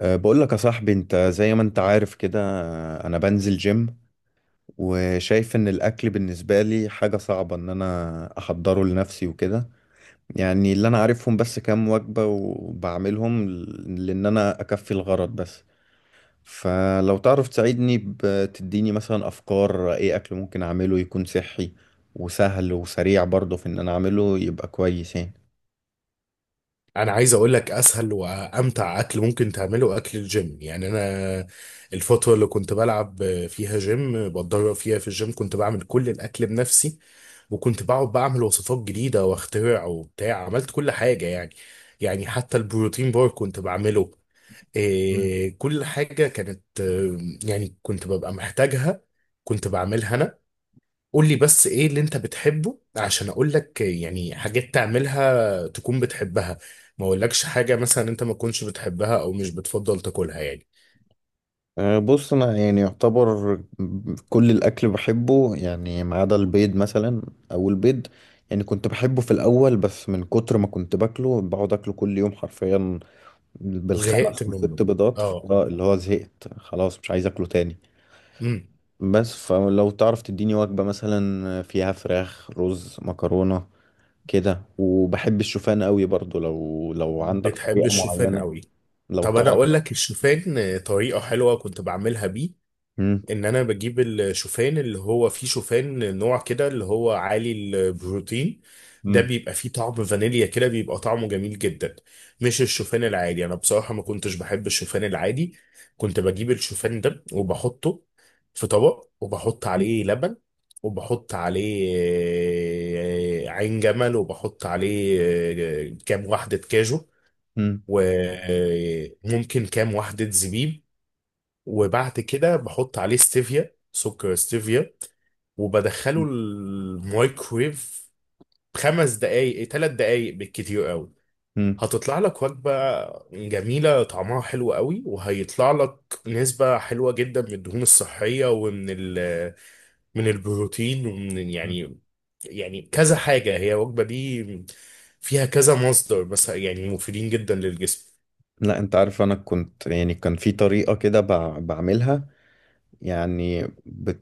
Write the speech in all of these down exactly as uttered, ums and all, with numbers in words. أه، بقول لك يا صاحبي انت زي ما انت عارف كده. أه، انا بنزل جيم، وشايف ان الاكل بالنسبة لي حاجة صعبة ان انا احضره لنفسي وكده. يعني اللي انا عارفهم بس كام وجبة وبعملهم ل- لان انا اكفي الغرض بس. فلو تعرف تساعدني بتديني مثلا افكار ايه اكل ممكن اعمله يكون صحي وسهل وسريع برضه في ان انا اعمله يبقى كويس يعني. انا عايز اقول لك اسهل وامتع اكل ممكن تعمله اكل الجيم. يعني انا الفتره اللي كنت بلعب فيها جيم، بتدرب فيها في الجيم، كنت بعمل كل الاكل بنفسي، وكنت بقعد بعمل وصفات جديده واخترع وبتاع، عملت كل حاجه يعني يعني حتى البروتين بار كنت بعمله. إيه، كل حاجه كانت آه، يعني كنت ببقى محتاجها، كنت بعملها انا. قول لي بس ايه اللي انت بتحبه عشان اقول لك يعني حاجات تعملها تكون بتحبها، ما اقولكش حاجة مثلا انت ما تكونش بتحبها او مش بتفضل تاكلها يعني. أه، بص انا يعني يعتبر كل الاكل بحبه، يعني ما عدا البيض مثلا، او البيض يعني كنت بحبه في الاول، بس من كتر ما كنت باكله بقعد اكله كل يوم حرفيا زهقت بالخمس منه. وست بيضات. اه. اللي هو زهقت خلاص مش عايز اكله تاني. امم. بس فلو تعرف تديني وجبة مثلا فيها فراخ رز مكرونة كده، وبحب الشوفان قوي برضو لو لو عندك بتحب طريقة الشوفان معينة قوي؟ لو طب انا تعرف. اقول لك الشوفان طريقة حلوة كنت بعملها بيه. مم. ان انا بجيب الشوفان، اللي هو فيه شوفان نوع كده اللي هو عالي البروتين، ده مم. بيبقى فيه طعم فانيليا كده، بيبقى طعمه جميل جدا، مش الشوفان العادي. انا بصراحة ما كنتش بحب الشوفان العادي. كنت بجيب الشوفان ده وبحطه في طبق، وبحط عليه لبن، وبحط عليه آه، عين جمل، وبحط عليه آه، كام واحدة كاجو، مم. وممكن كام واحدة زبيب، وبعد كده بحط عليه ستيفيا، سكر ستيفيا، وبدخله الميكرويف خمس دقايق، ثلاث دقايق بالكتير قوي. مم. هتطلع لك وجبة جميلة طعمها حلو قوي، وهيطلع لك نسبة حلوة جدا من الدهون الصحية، ومن ال من البروتين، ومن مم. يعني، يعني كذا حاجة. هي الوجبة دي فيها كذا مصدر بس يعني مفيدين جدا للجسم. لا انت عارف، انا كنت يعني كان في طريقة كده بع- بعملها، يعني بت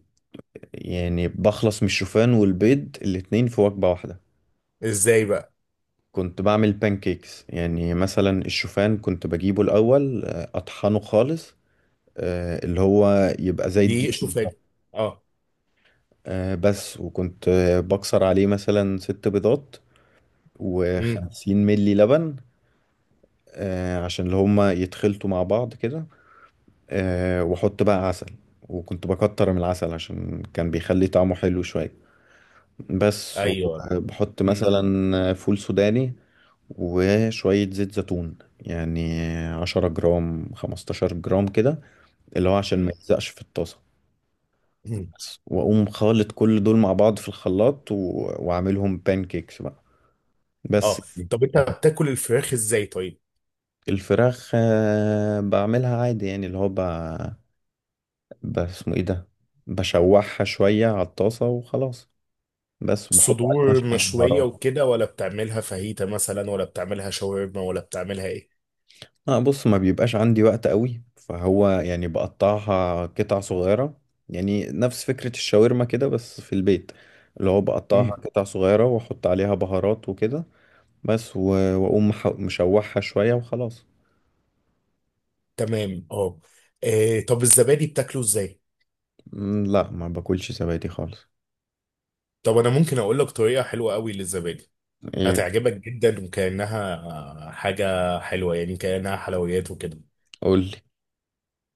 يعني بخلص من الشوفان والبيض الاتنين في وجبة واحدة. ازاي بقى؟ كنت بعمل بانكيكس، يعني مثلا الشوفان كنت بجيبه الاول، آه، اطحنه خالص، آه، اللي هو يبقى زي الدقيق دي شوفان. بالظبط. اه. آه، بس وكنت آه، بكسر عليه مثلا ست بيضات امم. وخمسين ملي لبن. آه، عشان اللي هما يتخلطوا مع بعض كده، آه، واحط بقى عسل، وكنت بكتر من العسل عشان كان بيخلي طعمه حلو شوية بس. ايوه. وبحط مثلا فول سوداني وشوية زيت زيتون، يعني عشرة جرام خمستاشر جرام كده، اللي هو عشان ما مم. يلزقش في الطاسة مم. بس. وأقوم خالط كل دول مع بعض في الخلاط، و... وأعملهم بانكيكس بقى اه. بس. طب انت بتاكل الفراخ ازاي طيب؟ الفراخ آه، بعملها عادي، يعني اللي هو ب... ب- اسمه ايه ده، بشوحها شوية على الطاسة وخلاص، بس بحط عليها الصدور شوية مشوية بهارات. وكده، ولا بتعملها فاهيتا مثلا، ولا بتعملها شاورما، ولا بتعملها ايه؟ اه بص، ما بيبقاش عندي وقت قوي، فهو يعني بقطعها قطع صغيرة، يعني نفس فكرة الشاورما كده بس في البيت، اللي هو بقطعها مم. قطع صغيرة واحط عليها بهارات وكده بس. و... واقوم مح- مشوحها شوية وخلاص. تمام، اه. آه، طب الزبادي بتاكله ازاي؟ مم، لا ما باكلش زبادي خالص. طب انا ممكن اقول لك طريقة حلوة قوي للزبادي، ايه، هتعجبك جدا، وكأنها آه، حاجة حلوة، يعني كأنها حلويات وكده. قولي.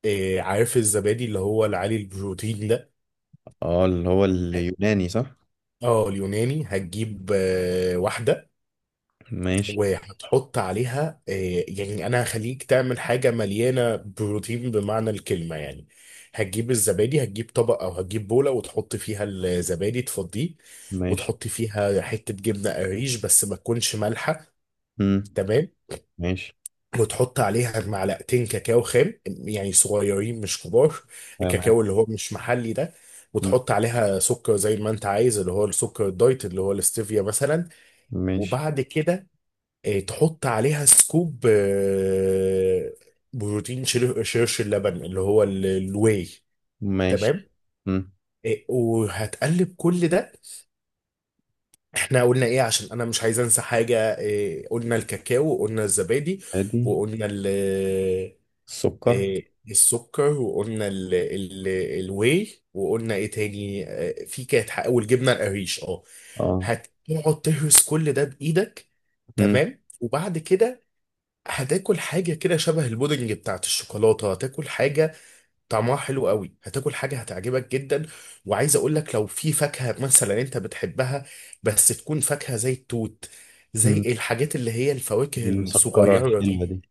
إيه، عارف الزبادي اللي هو العالي البروتين ده؟ اه اللي هو اليوناني، صح. اه اليوناني. هتجيب آه، واحدة، ماشي. وهتحط عليها آه، يعني انا هخليك تعمل حاجه مليانه بروتين بمعنى الكلمه يعني. هتجيب الزبادي، هتجيب طبق او هتجيب بوله وتحط فيها الزبادي، تفضيه، ماشي. وتحط فيها حته جبنه قريش بس ما تكونش مالحه. مم. تمام. ماشي. وتحط عليها معلقتين كاكاو خام، يعني صغيرين مش كبار، تمام. الكاكاو اللي هو مش محلي ده. مم، وتحط عليها سكر زي ما انت عايز، اللي هو السكر الدايت، اللي هو الاستيفيا مثلا. ماشي. وبعد كده آه، تحط عليها سكوب آه، بروتين، شير- شيرش اللبن، اللي هو ال- الواي. ماشي. تمام. مم. آه، وهتقلب كل ده. احنا قلنا ايه عشان انا مش عايز انسى حاجة آه، قلنا الكاكاو، وقلنا الزبادي، ادي وقلنا ال السكر. آه، السكر، وقلنا ال ال الواي، وقلنا ايه تاني؟ آه، في كانت حق- والجبنة القريش، اه. اه. هتقعد تهرس كل ده بإيدك. مم. تمام. وبعد كده هتاكل حاجة كده شبه البودنج بتاعت الشوكولاتة، هتاكل حاجة طعمها حلو قوي، هتاكل حاجة هتعجبك جدا. وعايز اقول لك لو في فاكهة مثلا انت بتحبها، بس تكون فاكهة زي التوت، زي مم. الحاجات اللي هي الفواكه المسكرة الصغيرة الحلوة دي. دي.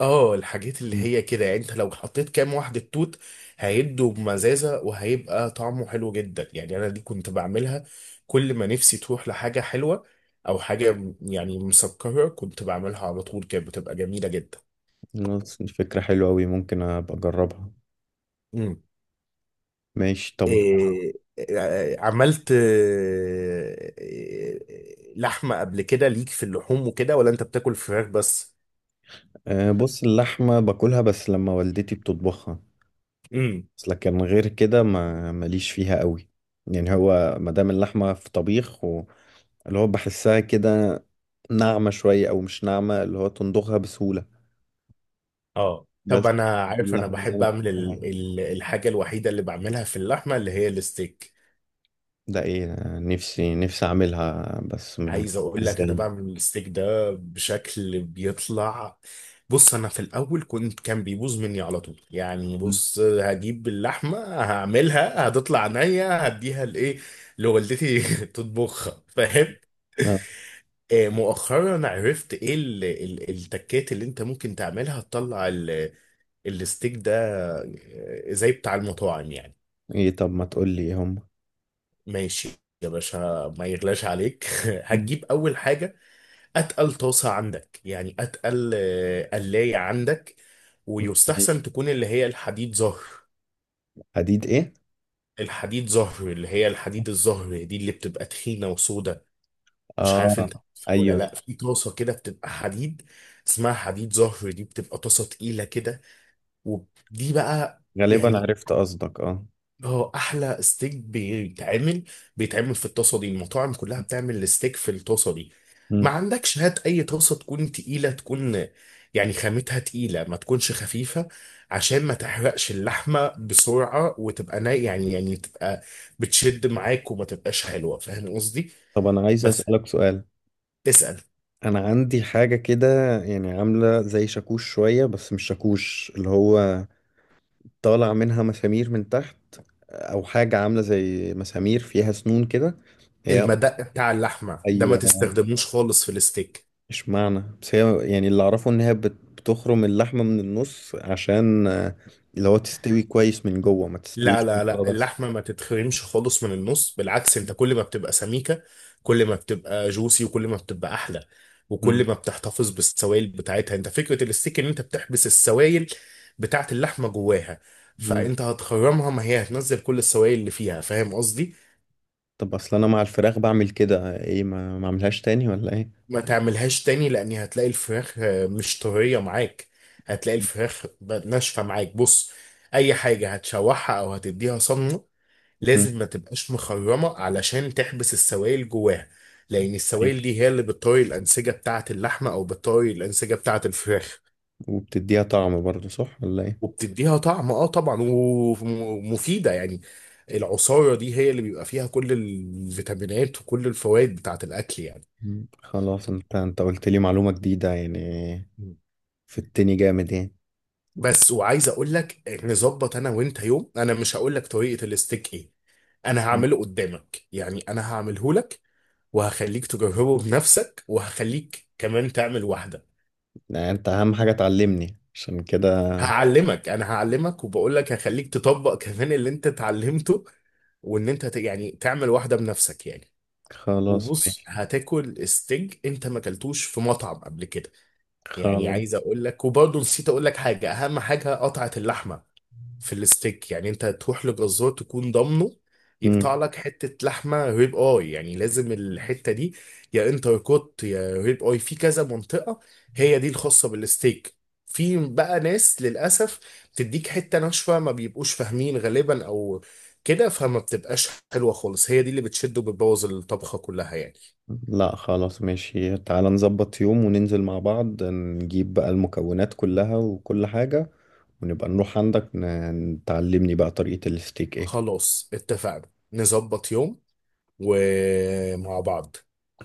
اه، الحاجات اللي مم. هي كده، يعني انت لو حطيت كام واحدة توت هيدوا بمزازة وهيبقى طعمه حلو جدا. يعني انا دي كنت بعملها كل ما نفسي تروح لحاجة حلوة او حاجة يعني مسكرة، كنت بعملها على طول، كانت بتبقى جميلة جدا. خلاص، دي فكرة حلوة أوي ممكن أبقى أجربها. مم. ماشي طب. إيه. إيه، عملت إيه، إيه، لحمة قبل كده ليك في اللحوم وكده، ولا انت بتاكل فراخ بس؟ آه، بص، اللحمة باكلها بس لما والدتي بتطبخها، امم. بس لكن غير كده ما ماليش فيها أوي. يعني هو مادام اللحمة في طبيخ و- اللي هو بحسها كده ناعمة شوية أو مش ناعمة، اللي هو تندوخها بسهولة اه، طب بس. انا دي عارف انا اللحمة اللي بحب أنا اعمل ال بحبها. ال الحاجة الوحيدة اللي بعملها في اللحمة اللي هي الستيك. ده إيه، نفسي نفسي أعملها بس م- مش عايز عارف اقول لك انا ازاي. بعمل الستيك ده بشكل بيطلع. بص، انا في الاول كنت كان بيبوظ مني على طول. يعني مم. بص، هجيب اللحمه، هعملها، هتطلع عينيا، هديها لايه، لوالدتي تطبخها، فاهم؟ اه. آه، مؤخرا عرفت ايه ال- ال- التكات اللي انت ممكن تعملها تطلع ال- الستيك ده، آه، زي بتاع المطاعم يعني. ايه طب، ما تقول لي إيه هم. ماشي يا باشا، ما يغلاش عليك مم. هتجيب اول حاجه اتقل طاسه عندك، يعني اتقل آه، قلايه عندك، ويستحسن تكون اللي هي الحديد زهر. حديد ايه؟ الحديد زهر اللي هي الحديد الزهر دي، اللي بتبقى تخينه وسودة، مش عارف انت اه. ولا ايوه. لا؟ في طاسه كده بتبقى حديد، اسمها حديد زهر، دي بتبقى طاسه تقيله كده، ودي بقى غالبا يعني، عرفت قصدك، اه. اه، احلى ستيك بيتعمل، بيتعمل في الطاسه دي. المطاعم كلها بتعمل الستيك في الطاسه دي. ما مم. عندكش، هات اي طاسه تكون تقيله، تكون يعني خامتها تقيله، ما تكونش خفيفه، عشان ما تحرقش اللحمه بسرعه، وتبقى نا، يعني يعني تبقى بتشد معاك وما تبقاش حلوه، فاهم قصدي؟ طب انا عايز بس اسالك سؤال. اسال. انا عندي حاجه كده يعني عامله زي شاكوش شويه، بس مش شاكوش اللي هو طالع منها مسامير من تحت، او حاجه عامله زي مسامير فيها سنون كده هي. المدق بتاع اللحمه ده ما ايوه. تستخدموش خالص في الستيك. مش معنى، بس هي يعني اللي اعرفه ان هي بت- بتخرم اللحمه من النص عشان، آه، اللي هو تستوي كويس من جوه ما تستويش لا من لا لا، بره بس. اللحمة ما تتخرمش خالص من النص. بالعكس، انت كل ما بتبقى سميكة كل ما بتبقى جوسي، وكل ما بتبقى احلى، مم. وكل ما بتحتفظ بالسوائل بتاعتها. انت فكرة الستيك ان انت بتحبس السوائل بتاعت اللحمة جواها. مم. فانت هتخرمها، ما هي هتنزل كل السوائل اللي فيها، فاهم قصدي؟ طب اصل انا مع الفراخ بعمل كده، ايه ما ما اعملهاش تاني ولا ايه؟ ما تعملهاش تاني، لان هتلاقي الفراخ آه، مش طرية معاك، هتلاقي الفراخ ب- ناشفة معاك. بص، اي حاجة هتشوحها او هتديها صدمة مم. لازم ما تبقاش مخرمة، علشان تحبس السوائل جواها، لأن السوائل ماشي. دي هي اللي بتطري الأنسجة بتاعة اللحمة، أو بتطري الأنسجة بتاعة الفراخ. وبتديها طعم برضه صح ولا ايه؟ وبتديها طعم اه طبعا، ومفيدة يعني. العصارة دي هي اللي بيبقى فيها كل الفيتامينات وكل الفوائد بتاعة الأكل يعني. مم. خلاص، انت انت قلت لي معلومة جديدة يعني، مم. في التاني جامد يعني. بس وعايز أقول لك نظبط أنا وأنت يوم. أنا مش هقول لك طريقة الستيك إيه، أنا مم. هعمله قدامك، يعني أنا هعمله لك، وهخليك تجربه بنفسك، وهخليك كمان تعمل واحدة. يعني انت اهم حاجة تعلمني عشان كده. هعلمك، انا هعلمك، وبقول لك هخليك تطبق كمان اللي انت اتعلمته، وان انت ت- يعني تعمل واحده بنفسك يعني. خلاص وبص، ماشي. هتاكل ستيك انت ما اكلتوش في مطعم قبل كده. يعني خلاص. عايز اقول لك، وبرضه نسيت اقول لك حاجه، اهم حاجه قطعه اللحمه في الستيك. يعني انت تروح لجزار تكون ضامنه، يقطع مم. لك حتة لحمة ريب اي. يعني لازم الحتة دي يا انتر كوت يا ريب اي، في كذا منطقة هي دي الخاصة بالستيك. في بقى ناس للأسف بتديك حتة ناشفة، ما بيبقوش فاهمين غالبا أو كده، فما بتبقاش حلوة خالص، هي دي اللي بتشد وبتبوظ الطبخة كلها يعني. لا خلاص ماشي، تعالى نظبط يوم وننزل مع بعض نجيب بقى المكونات كلها وكل حاجة، ونبقى نروح عندك ن- تعلمني بقى طريقة الستيك ايه. خلاص اتفقنا، نظبط يوم ومع بعض.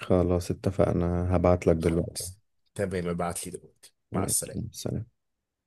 خلاص اتفقنا، هبعت لك دلوقتي. خلاص. تمام، ابعت لي دلوقتي، مع ماشي السلامة. سلام.